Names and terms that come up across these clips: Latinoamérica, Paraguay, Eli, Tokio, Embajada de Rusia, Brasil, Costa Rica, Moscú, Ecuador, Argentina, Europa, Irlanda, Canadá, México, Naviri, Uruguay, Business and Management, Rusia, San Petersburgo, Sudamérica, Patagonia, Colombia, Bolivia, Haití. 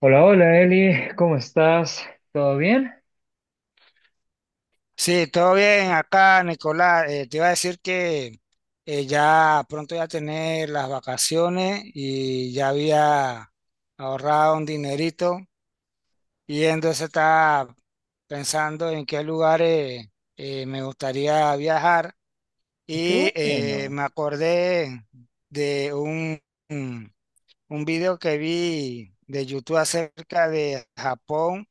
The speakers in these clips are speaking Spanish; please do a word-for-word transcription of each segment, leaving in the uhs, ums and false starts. Hola, hola Eli, ¿cómo estás? ¿Todo bien? Sí, todo bien acá, Nicolás. Eh, te iba a decir que eh, ya pronto ya tener las vacaciones y ya había ahorrado un dinerito y entonces estaba pensando en qué lugares eh, me gustaría viajar Ah, Qué y eh, bueno. me acordé de un, un un video que vi de YouTube acerca de Japón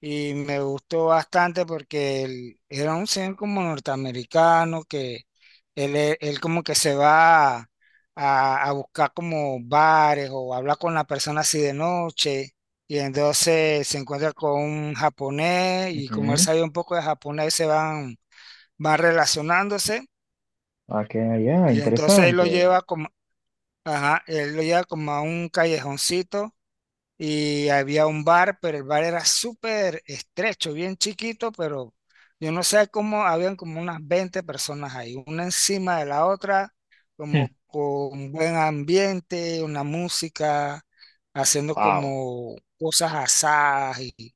y me gustó bastante porque él era un señor como norteamericano que él, e- él como que se va a, a buscar como bares o habla con la persona así de noche y entonces se encuentra con un japonés y como él Ujú. sabía un poco de japonés se van, van relacionándose Ah, qué allá, y entonces él lo interesante. lleva como, ajá, él lo lleva como a un callejoncito y había un bar, pero el bar era súper estrecho, bien chiquito, pero yo no sé cómo, habían como unas veinte personas ahí, una encima de la otra, como con buen ambiente, una música, haciendo Wow. como cosas asadas, y,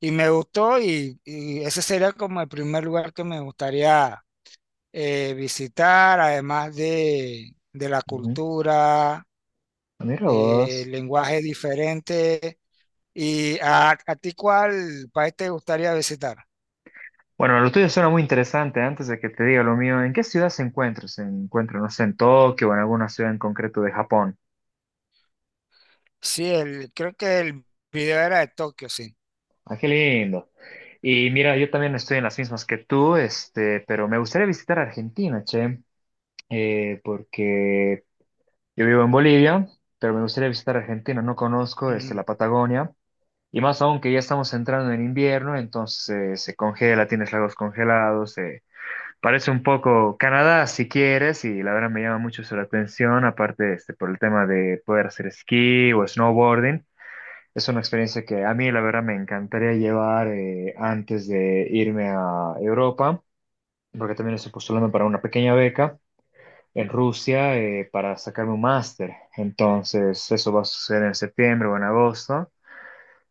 y me gustó, y, y ese sería como el primer lugar que me gustaría eh, visitar, además de, de la cultura, Mira eh, vos. lenguaje diferente. ¿Y a, a ti cuál país te gustaría visitar? Bueno, lo tuyo suena muy interesante. Antes de que te diga lo mío, ¿en qué ciudad se encuentra? ¿Se encuentra, no sé, en Tokio o en alguna ciudad en concreto de Japón? Sí, el, creo que el video era de Tokio, sí. Ah, qué lindo. Y mira, yo también estoy en las mismas que tú, este, pero me gustaría visitar Argentina, che, eh, porque yo vivo en Bolivia, pero me gustaría visitar Argentina. No conozco, este, Ujú, la Patagonia. Y más aún que ya estamos entrando en invierno, entonces eh, se congela, tienes lagos congelados. eh, Parece un poco Canadá, si quieres, y la verdad me llama mucho eso la atención, aparte este, por el tema de poder hacer esquí o snowboarding. Es una experiencia que a mí, la verdad, me encantaría llevar eh, antes de irme a Europa, porque también estoy postulando para una pequeña beca en Rusia eh, para sacarme un máster. Entonces, eso va a suceder en septiembre o en agosto.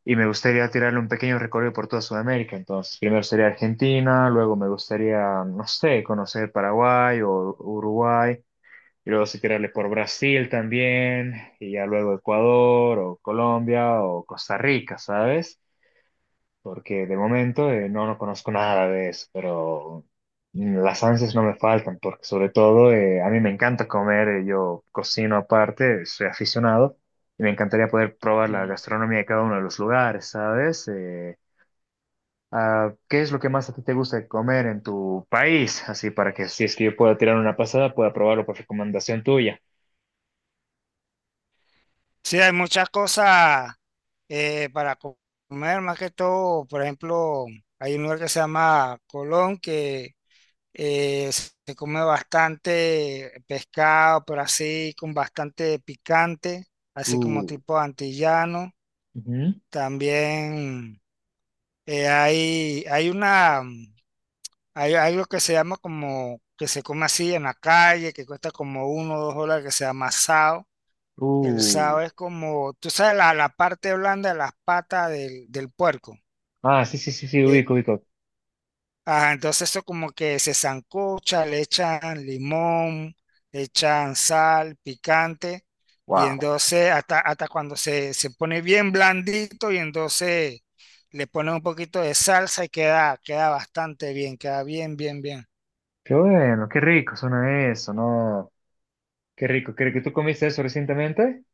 Y me gustaría tirarle un pequeño recorrido por toda Sudamérica. Entonces, primero sería Argentina, luego me gustaría, no sé, conocer Paraguay o Uruguay, y luego sí tirarle por Brasil también, y ya luego Ecuador o Colombia o Costa Rica, ¿sabes? Porque de momento eh, no, no conozco nada de eso, pero mm, las ansias no me faltan, porque sobre todo eh, a mí me encanta comer, eh, yo cocino aparte, soy aficionado, y me encantaría poder probar la ujú. gastronomía de cada uno de los lugares, ¿sabes? Eh, ah, ¿qué es lo que más a ti te gusta comer en tu país? Así para que si es que yo pueda tirar una pasada, pueda probarlo por recomendación tuya. Sí, hay muchas cosas eh, para co- comer, más que todo, por ejemplo, hay un lugar que se llama Colón, que eh, se come bastante pescado, pero así con bastante picante, así como Uh, tipo antillano. También eh, hay, hay una... Hay algo que se llama como, que se come así en la calle, que cuesta como uno o dos dólares, que se llama sao. El Ujú. Uh. sao es como, tú sabes, la, la parte blanda de las patas del, del puerco. Ah, sí, sí, sí, sí, Eh, ubico, ubico. ajá, entonces eso como que se sancocha, le echan limón, le echan sal, picante, y Wow. entonces hasta, hasta cuando se, se pone bien blandito y entonces le ponen un poquito de salsa y queda, queda bastante bien, queda bien, bien, bien. Qué bueno, qué rico suena eso, ¿no? Qué rico, qué rico. ¿Tú comiste eso recientemente?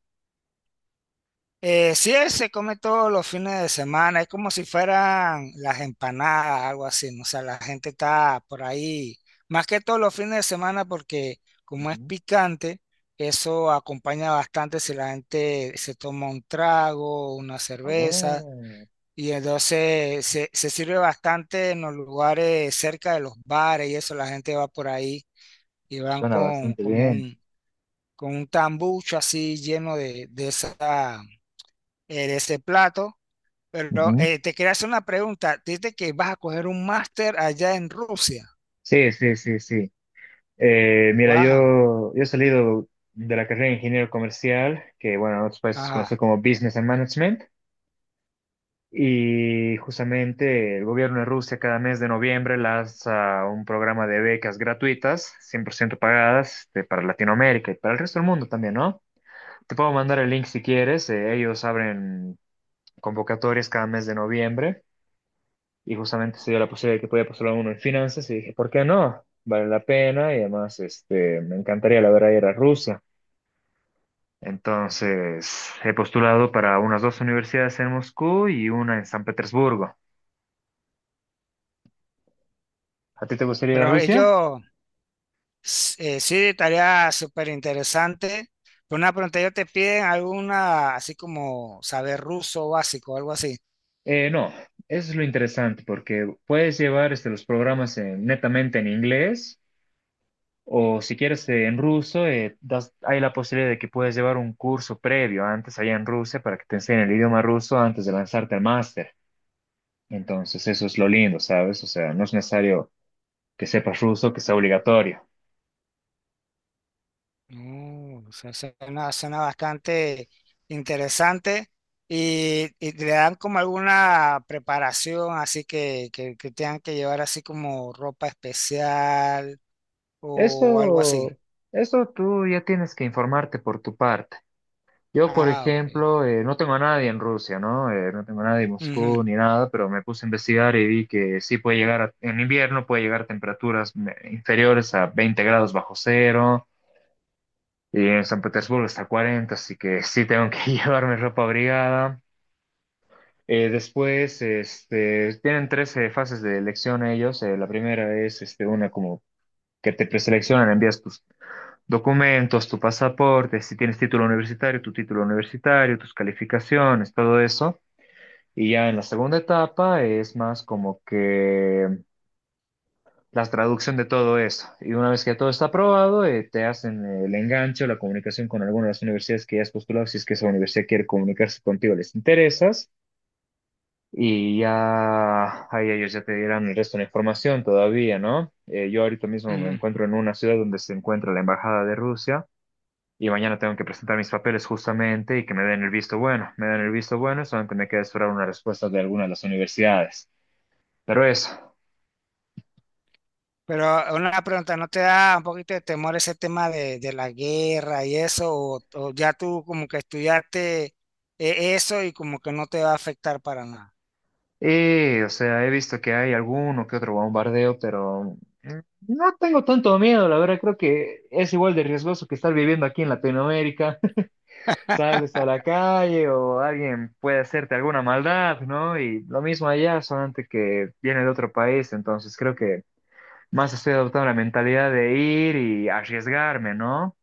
Eh, sí, él se come todos los fines de semana, es como si fueran las empanadas, algo así, ¿no? O sea, la gente está por ahí, más que todos los fines de semana porque como es Ujú. picante, eso acompaña bastante si la gente se toma un trago, una Ah, cerveza, bueno, y entonces se, se sirve bastante en los lugares cerca de los bares y eso, la gente va por ahí y van suena con, bastante como bien. un, con un tambucho así lleno de, de esa, eh, de ese plato, pero Ujú. eh, te quería hacer una pregunta. Dices que vas a coger un máster allá en Rusia. Sí, sí, sí, sí. Eh, mira, Wow. yo, yo he salido de la carrera de ingeniero comercial, que bueno, en otros países se conoce Ajá. como Business and Management, y justamente el gobierno de Rusia cada mes de noviembre lanza un programa de becas gratuitas, cien por ciento pagadas, este, para Latinoamérica y para el resto del mundo también, ¿no? Te puedo mandar el link si quieres, eh, ellos abren convocatorias cada mes de noviembre. Y justamente se dio la posibilidad de que podía postular uno en finanzas y dije, ¿por qué no? Vale la pena y además este, me encantaría la verdad ir a Rusia. Entonces he postulado para unas dos universidades en Moscú y una en San Petersburgo. ¿A ti te gustaría ir a Pero Rusia? ellos eh, sí, tarea súper interesante. Pero una pregunta, ellos te piden alguna, así como saber ruso básico, algo así. Eh, no, eso es lo interesante porque puedes llevar este, los programas en- netamente en inglés o si quieres eh, en ruso, eh, das- hay la posibilidad de que puedes llevar un curso previo antes allá en Rusia para que te enseñen el idioma ruso antes de lanzarte al máster. Entonces, eso es lo lindo, ¿sabes? O sea, no es necesario que sepas ruso, que sea obligatorio. Mm, se- suena, suena bastante interesante. Y, y le dan como alguna preparación, así que, que, que, tengan que llevar así como ropa especial o algo así. Eso, eso tú ya tienes que informarte por tu parte. Yo, por Ah, ok. ejemplo, eh, no tengo a nadie en Rusia, ¿no? Eh, no tengo a nadie en Ujú, Moscú ni nada, pero me puse a investigar y vi que sí puede llegar, a- en invierno puede llegar a temperaturas me- inferiores a veinte grados bajo cero y en San Petersburgo hasta cuarenta, así que sí tengo que llevarme ropa abrigada. Eh, después, este, tienen tres eh, fases de elección ellos. Eh, la primera es este, una como que te preseleccionan, envías tus documentos, tu pasaporte, si tienes título universitario, tu título universitario, tus calificaciones, todo eso. Y ya en la segunda etapa es más como que la traducción de todo eso. Y una vez que todo está aprobado, eh, te hacen eh, el enganche o la comunicación con alguna de las universidades que ya has postulado, si es que esa universidad quiere comunicarse contigo, les interesas. Y ya, ahí ellos ya te dirán el resto de la información todavía, ¿no? Eh, yo ahorita mismo me ujú. encuentro en una ciudad donde se encuentra la Embajada de Rusia y mañana tengo que presentar mis papeles justamente y que me den el visto bueno. Me dan el visto bueno, solamente me queda esperar una respuesta de alguna de las universidades. Pero eso. Pero una pregunta, ¿no te da un poquito de temor ese tema de, de la guerra y eso? ¿O, o ya tú como que estudiaste eh, eso y como que no te va a afectar para nada? Y, o sea, he visto que hay alguno que otro bombardeo, pero no tengo tanto miedo, la verdad, creo que es igual de riesgoso que estar viviendo aquí en Latinoamérica. Sales a la calle o alguien puede hacerte alguna maldad, ¿no? Y lo mismo allá, solamente que viene de otro país, entonces creo que más estoy adoptando la mentalidad de ir y arriesgarme, ¿no?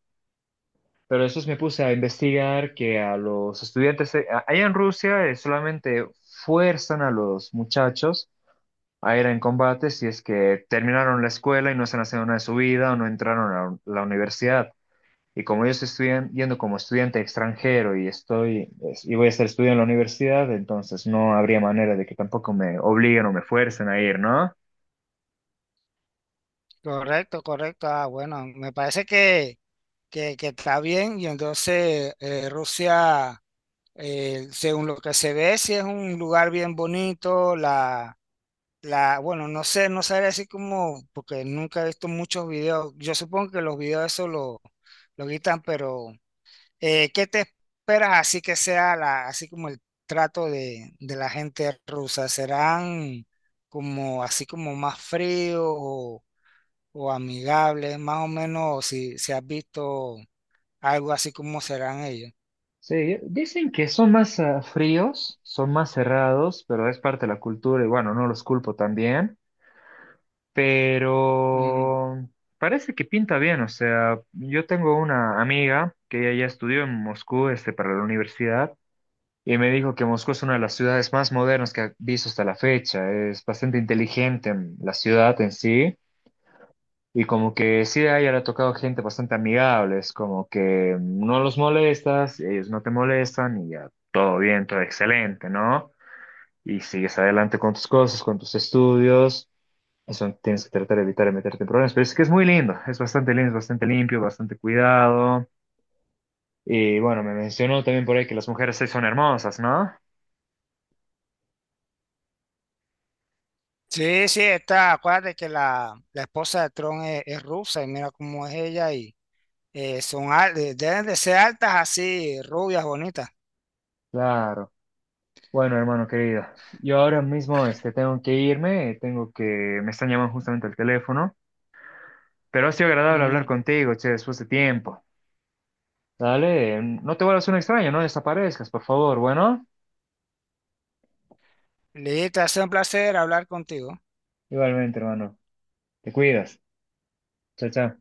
Pero después me puse a investigar que a los estudiantes, eh, a- allá en Rusia, eh, solamente fuerzan a los muchachos a ir en combate si es que terminaron la escuela y no están haciendo nada de su vida o no entraron a la universidad. Y como yo estoy estudian- yendo como estudiante extranjero y estoy es- y voy a estar estudiando en la universidad, entonces no habría manera de que tampoco me obliguen o me fuercen a ir, ¿no? Correcto, correcto. Ah, bueno, me parece que, que, que está bien y entonces eh, Rusia, eh, según lo que se ve, sí es un lugar bien bonito. La La, bueno, no sé, no sabría así como, porque nunca he visto muchos videos. Yo supongo que los videos eso lo, lo quitan, pero eh, ¿qué te esperas así que sea la, así como el trato de, de la gente rusa? ¿Serán como así como más fríos o, o amigables? Más o menos si, si has visto algo así como serán ellos. Sí, dicen que son más ah, fríos, son más cerrados, pero es parte de la cultura y bueno, no los culpo también, Ujú. pero parece que pinta bien, o sea, yo tengo una amiga que ella ya estudió en Moscú, este, para la universidad. Y me dijo que Moscú es una de las ciudades más modernas que ha visto hasta la fecha. Es bastante inteligente en la ciudad en sí. Y como que sí, a ella le ha tocado gente bastante amigable. Es como que no los molestas, ellos no te molestan y ya todo bien, todo excelente, ¿no? Y sigues adelante con tus cosas, con tus estudios. Eso tienes que tratar de evitar de meterte en problemas. Pero es que es muy lindo. Es bastante lindo, es bastante limpio, bastante cuidado. Y bueno, me mencionó también por ahí que las mujeres sí son hermosas, ¿no? Sí, sí, está, acuérdate que la, la esposa de Tron es, es rusa y mira cómo es ella. Eh, son al- eh, deben de ser altas así, rubias, bonitas. Claro. Bueno, hermano querido, yo ahora mismo este, tengo que irme, tengo que, me están llamando justamente al teléfono, pero ha sido agradable hablar Ujú. contigo, che, después de tiempo. Dale, mm, no te vuelvas un extraño, no desaparezcas, por favor, bueno. Listo, ha sido un placer hablar contigo. Igualmente, hermano, te cuidas. Chao, chao.